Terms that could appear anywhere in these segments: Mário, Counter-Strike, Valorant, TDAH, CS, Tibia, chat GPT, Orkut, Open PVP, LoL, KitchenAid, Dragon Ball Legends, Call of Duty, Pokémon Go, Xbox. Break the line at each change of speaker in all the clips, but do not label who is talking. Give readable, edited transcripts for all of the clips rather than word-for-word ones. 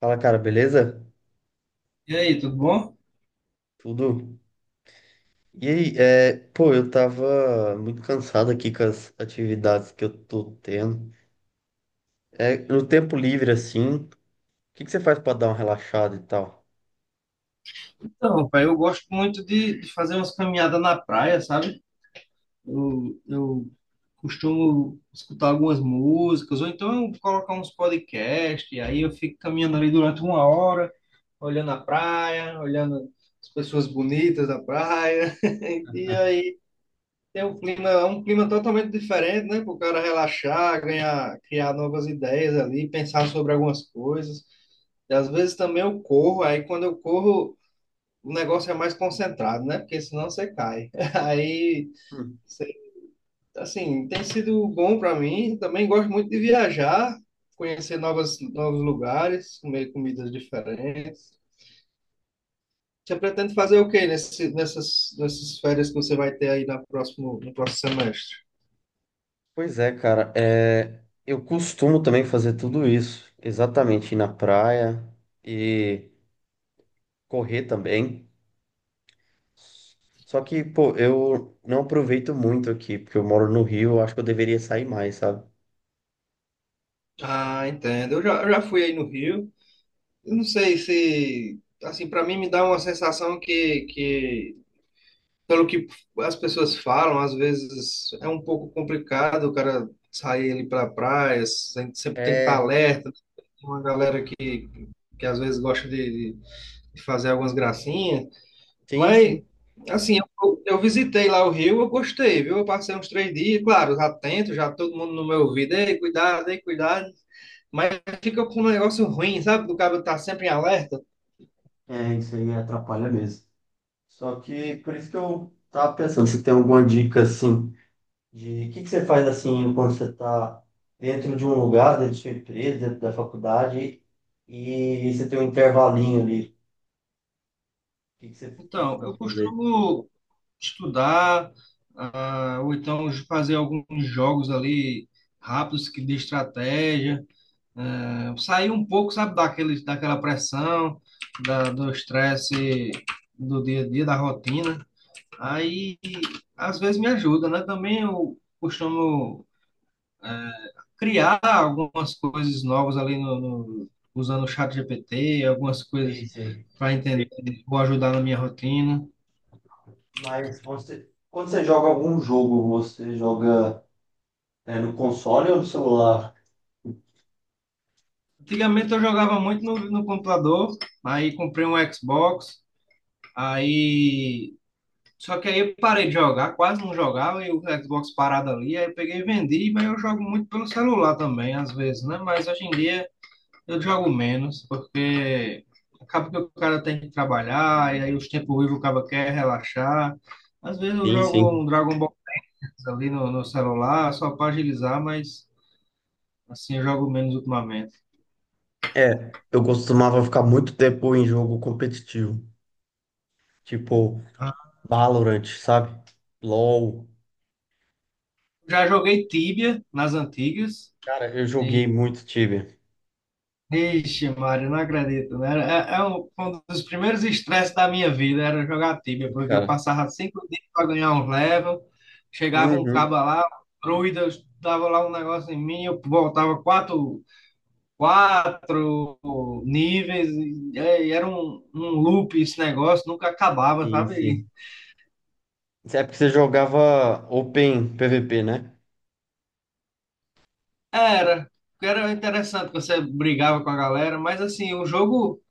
Fala, cara, beleza?
E aí, tudo bom?
Tudo? E aí, eu tava muito cansado aqui com as atividades que eu tô tendo. É, no tempo livre, assim, o que que você faz pra dar uma relaxada e tal?
Então, pai, eu gosto muito de fazer umas caminhadas na praia, sabe? Eu costumo escutar algumas músicas, ou então eu colocar uns podcasts, e aí eu fico caminhando ali durante uma hora, olhando a praia, olhando as pessoas bonitas da praia. E aí tem um clima, é um clima totalmente diferente, né? Para o cara relaxar, ganhar, criar novas ideias ali, pensar sobre algumas coisas. E às vezes também eu corro, aí quando eu corro o negócio é mais concentrado, né? Porque senão você cai. Aí,
Hum.
sei- assim, tem sido bom para mim. Também gosto muito de viajar, conhecer novas, novos lugares, comer comidas diferentes. Você pretende fazer o quê nessas férias que você vai ter aí na no próximo semestre?
Pois é, cara, é, eu costumo também fazer tudo isso. Exatamente, ir na praia e correr também. Só que, pô, eu não aproveito muito aqui, porque eu moro no Rio, eu acho que eu deveria sair mais, sabe?
Ah, entendo. Eu já fui aí no Rio. Eu não sei se, assim, para mim me dá uma sensação que pelo que as pessoas falam, às vezes é um pouco complicado o cara sair ali para praia, sempre tem que estar
É,
alerta, tem uma galera que às vezes gosta de fazer algumas gracinhas,
sim,
mas
sim.
assim, eu visitei lá o Rio, eu gostei, viu? Eu passei uns três dias, claro, já atento, já todo mundo no meu ouvido, ei, cuidado, mas fica com um negócio ruim, sabe? Do cara tá sempre em alerta.
É, isso aí atrapalha mesmo. Só que por isso que eu tava pensando, se tem alguma dica assim de o que que você faz assim quando você está dentro de um lugar, dentro de sua empresa, dentro da faculdade e você tem um intervalinho ali. O que que você
Então,
costuma
eu
fazer?
costumo estudar, ah, ou então fazer alguns jogos ali rápidos que de estratégia, ah, sair um pouco, sabe, daquela pressão, do estresse do dia a dia, da rotina. Aí, às vezes me ajuda, né? Também eu costumo criar algumas coisas novas ali no, no, usando o chat GPT, algumas coisas
Isso aí.
para entender, vou ajudar na minha rotina.
Mas você, quando você joga algum jogo, você joga, né, no console ou no celular?
Antigamente eu jogava muito no computador, aí comprei um Xbox, aí. Só que aí eu parei de jogar, quase não jogava, e o Xbox parado ali, aí eu peguei e vendi, mas eu jogo muito pelo celular também, às vezes, né? Mas hoje em dia eu jogo menos, porque acaba que o cara tem que trabalhar, e aí os tempos ruins o cara quer relaxar. Às vezes eu
Sim,
jogo
sim.
um Dragon Ball ali no celular, só para agilizar, mas assim eu jogo menos ultimamente.
É, eu costumava ficar muito tempo em jogo competitivo, tipo Valorant, sabe? LoL.
Já joguei Tibia nas antigas.
Cara, eu
E,
joguei muito Tibia.
ixi, Mário, não acredito, né? Foi um dos primeiros estresses da minha vida era jogar Tibia,
Sim,
porque eu
cara.
passava cinco dias para ganhar um level, chegava um cabo
Uhum.
lá, druida, eu dava lá um negócio em mim, eu voltava quatro, quatro níveis, e era um loop esse negócio, nunca acabava,
Sim,
sabe?
sim.
E
Isso é porque você jogava Open PVP, né?
era, porque era interessante, que você brigava com a galera, mas assim, o jogo.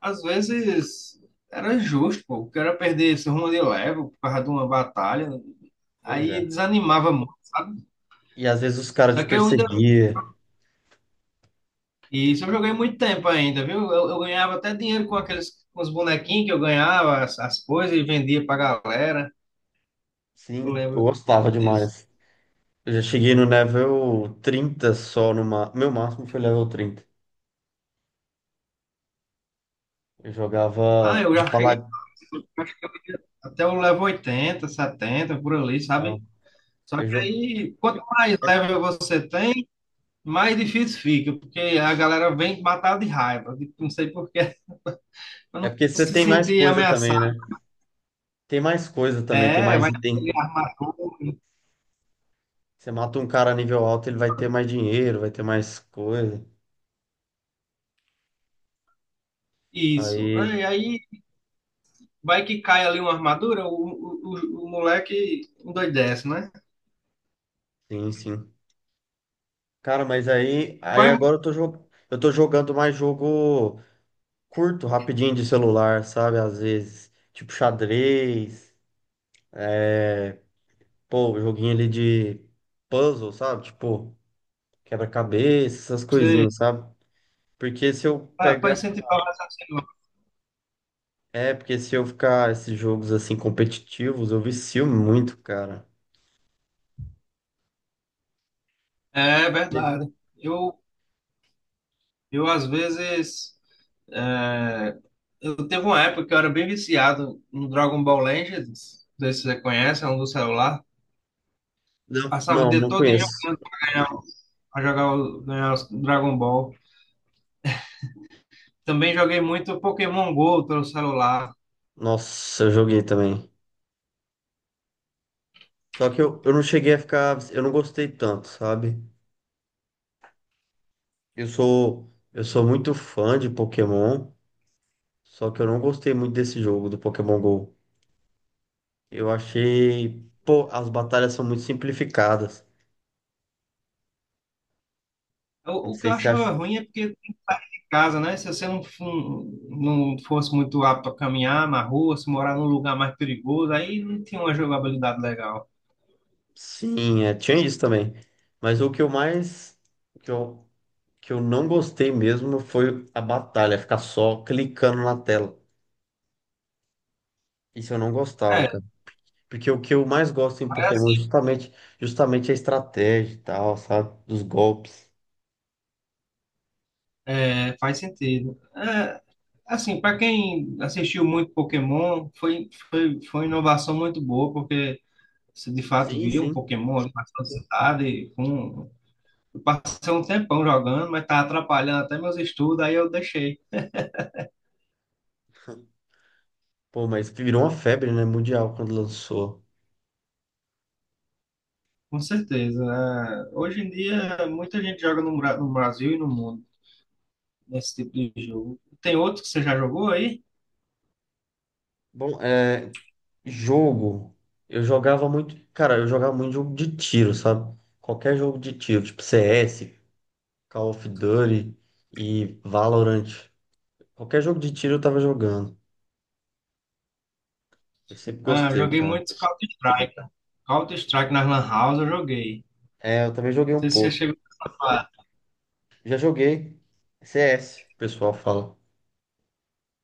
Às vezes era justo, pô. O cara perder esse rumo de level por causa de uma batalha.
Pois é.
Aí desanimava muito, sabe?
E às vezes os caras
Só
te
que eu ainda.
perseguiam.
Isso eu joguei muito tempo ainda, viu? Eu ganhava até dinheiro com aqueles com os bonequinhos que eu ganhava, as coisas, e vendia pra galera. Eu
Sim, eu
lembro
gostava
disso.
demais. Eu já cheguei no level 30 só no ma... Meu máximo foi level 30. Eu
Ah,
jogava
eu
de
já cheguei
paladino.
até o level 80, 70, por ali, sabe? Só
Eu
que
jo...
aí, quanto mais
é,
level você tem, mais difícil fica, porque a galera vem matar de raiva, não sei por quê. Pra
é
não
porque você
se
tem mais
sentir
coisa também,
ameaçado.
né? Tem mais coisa também, tem
É,
mais
vai ali
item.
armar.
Você mata um cara nível alto, ele vai ter mais dinheiro, vai ter mais coisa.
Isso.
Aí,
E aí vai que cai ali uma armadura, o moleque endoidece, né?
sim, sim. Cara, mas aí,
Qual
aí
é
agora eu tô, eu tô jogando mais jogo curto, rapidinho de celular, sabe? Às vezes, tipo xadrez, pô, joguinho ali de puzzle, sabe? Tipo, quebra-cabeça, essas
você?
coisinhas, sabe? Porque se eu
Para
pegar.
incentivar o raciocínio lógico.
É, porque se eu ficar esses jogos assim competitivos, eu vicio muito, cara.
É
Esse-
verdade. Eu às vezes. é, eu teve uma época que eu era bem viciado no Dragon Ball Legends. Não sei se você conhece, é um do celular.
Não,
Passava o
não,
dia
não
todo em
conheço.
jogando pra ganhar, pra jogar ganhar os Dragon Ball. Também joguei muito Pokémon Go pelo celular.
Nossa, eu joguei também. Só que eu não cheguei a ficar. Eu não gostei tanto, sabe? Eu sou muito fã de Pokémon, só que eu não gostei muito desse jogo do Pokémon Go. Eu achei, pô, as batalhas são muito simplificadas. Não
O que eu
sei se acha.
achava ruim é porque tem que sair de casa, né? Se você não, não fosse muito apto a caminhar na rua, se morar num lugar mais perigoso, aí não tinha uma jogabilidade legal.
Sim, é, tinha isso também. Mas o que eu mais, o que eu não gostei mesmo foi a batalha, ficar só clicando na tela. Isso eu não gostava,
É,
cara. Porque o que eu mais gosto em
é
Pokémon é
assim,
justamente, justamente a estratégia e tal, sabe? Dos golpes.
faz sentido. É, assim, para quem assistiu muito Pokémon, foi uma inovação muito boa, porque você de fato
Sim,
via um
sim.
Pokémon ali na sua cidade. Com... Eu passei um tempão jogando, mas estava atrapalhando até meus estudos, aí eu deixei.
Pô, mas que virou uma febre, né? Mundial quando lançou.
Com certeza. É, hoje em dia, muita gente joga no Brasil e no mundo nesse tipo de jogo. Tem outro que você já jogou aí?
Bom, é. Jogo. Eu jogava muito. Cara, eu jogava muito jogo de tiro, sabe? Qualquer jogo de tiro, tipo CS, Call of Duty e Valorant. Qualquer jogo de tiro eu tava jogando. Eu sempre
Ah,
gostei,
joguei
cara.
muito Counter-Strike. Counter-Strike na Lan House eu joguei.
É, eu também joguei um
Não sei se você
pouco.
chegou a falar.
Já joguei CS, o pessoal fala.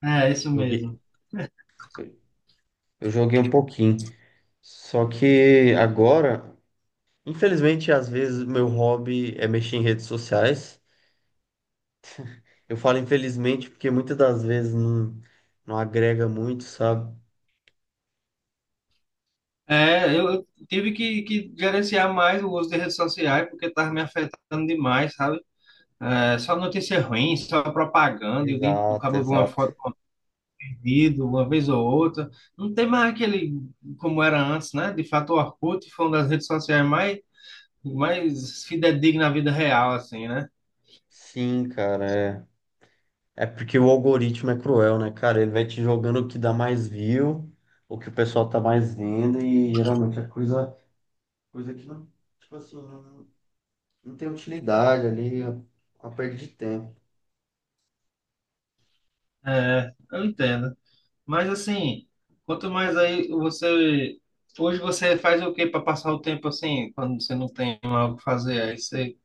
É, isso
Joguei.
mesmo.
Eu joguei um pouquinho. Só que agora, infelizmente, às vezes meu hobby é mexer em redes sociais. Eu falo infelizmente porque muitas das vezes não, não agrega muito, sabe?
É, eu tive que gerenciar mais o uso de redes sociais porque estava me afetando demais, sabe? É, só notícia ruim, só propaganda. E o o
Exato,
cabo vê uma
exato.
foto perdido uma vez ou outra. Não tem mais aquele como era antes, né? De fato, o Orkut foi uma das redes sociais mais fidedigna à vida real, assim, né?
Sim, cara, é. É porque o algoritmo é cruel, né, cara? Ele vai te jogando o que dá mais view, o que o pessoal tá mais vendo, e geralmente é coisa, coisa que não, tipo assim, não, não tem utilidade ali, é uma perda de tempo.
É, eu entendo. Mas assim, quanto mais aí você. Hoje você faz o que para passar o tempo assim, quando você não tem algo pra fazer? Aí você.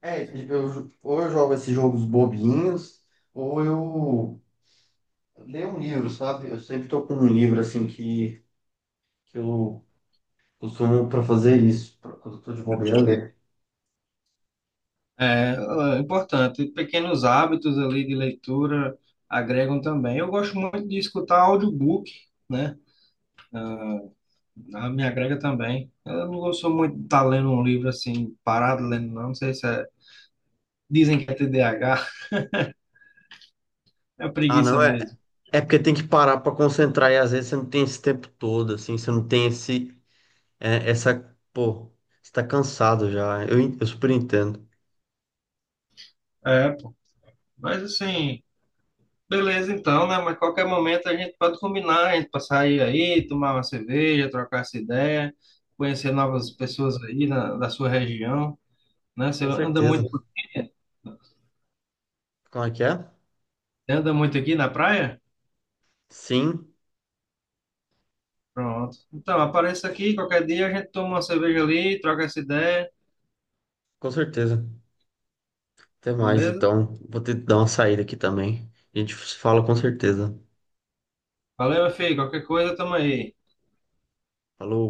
É, eu, ou eu jogo esses jogos bobinhos, ou eu leio um livro, sabe? Eu sempre tô com um livro assim que eu costumo para fazer isso, quando eu tô de bobeira, ler.
É, é importante. Pequenos hábitos ali de leitura agregam também. Eu gosto muito de escutar audiobook, né? Ah, me agrega também. Eu não gosto muito de estar lendo um livro assim, parado lendo, não. Não sei se é. Dizem que é TDAH, é
Ah, não,
preguiça
é,
mesmo.
é porque tem que parar para concentrar e às vezes você não tem esse tempo todo, assim, você não tem esse, é, essa, pô, você tá cansado já, eu super entendo.
É, pô. Mas assim, beleza então, né? Mas qualquer momento a gente pode combinar, a gente pra sair aí, tomar uma cerveja, trocar essa ideia, conhecer novas pessoas aí na, da sua região, né? Você
Com
anda
certeza.
muito, por aqui?
Como é que é?
Você anda muito aqui na praia?
Sim,
Pronto. Então, apareça aqui, qualquer dia a gente toma uma cerveja ali, troca essa ideia,
com certeza. Até mais,
beleza?
então, vou ter que dar uma saída aqui também. A gente se fala com certeza.
Valeu, meu filho. Qualquer coisa, tamo aí.
Falou.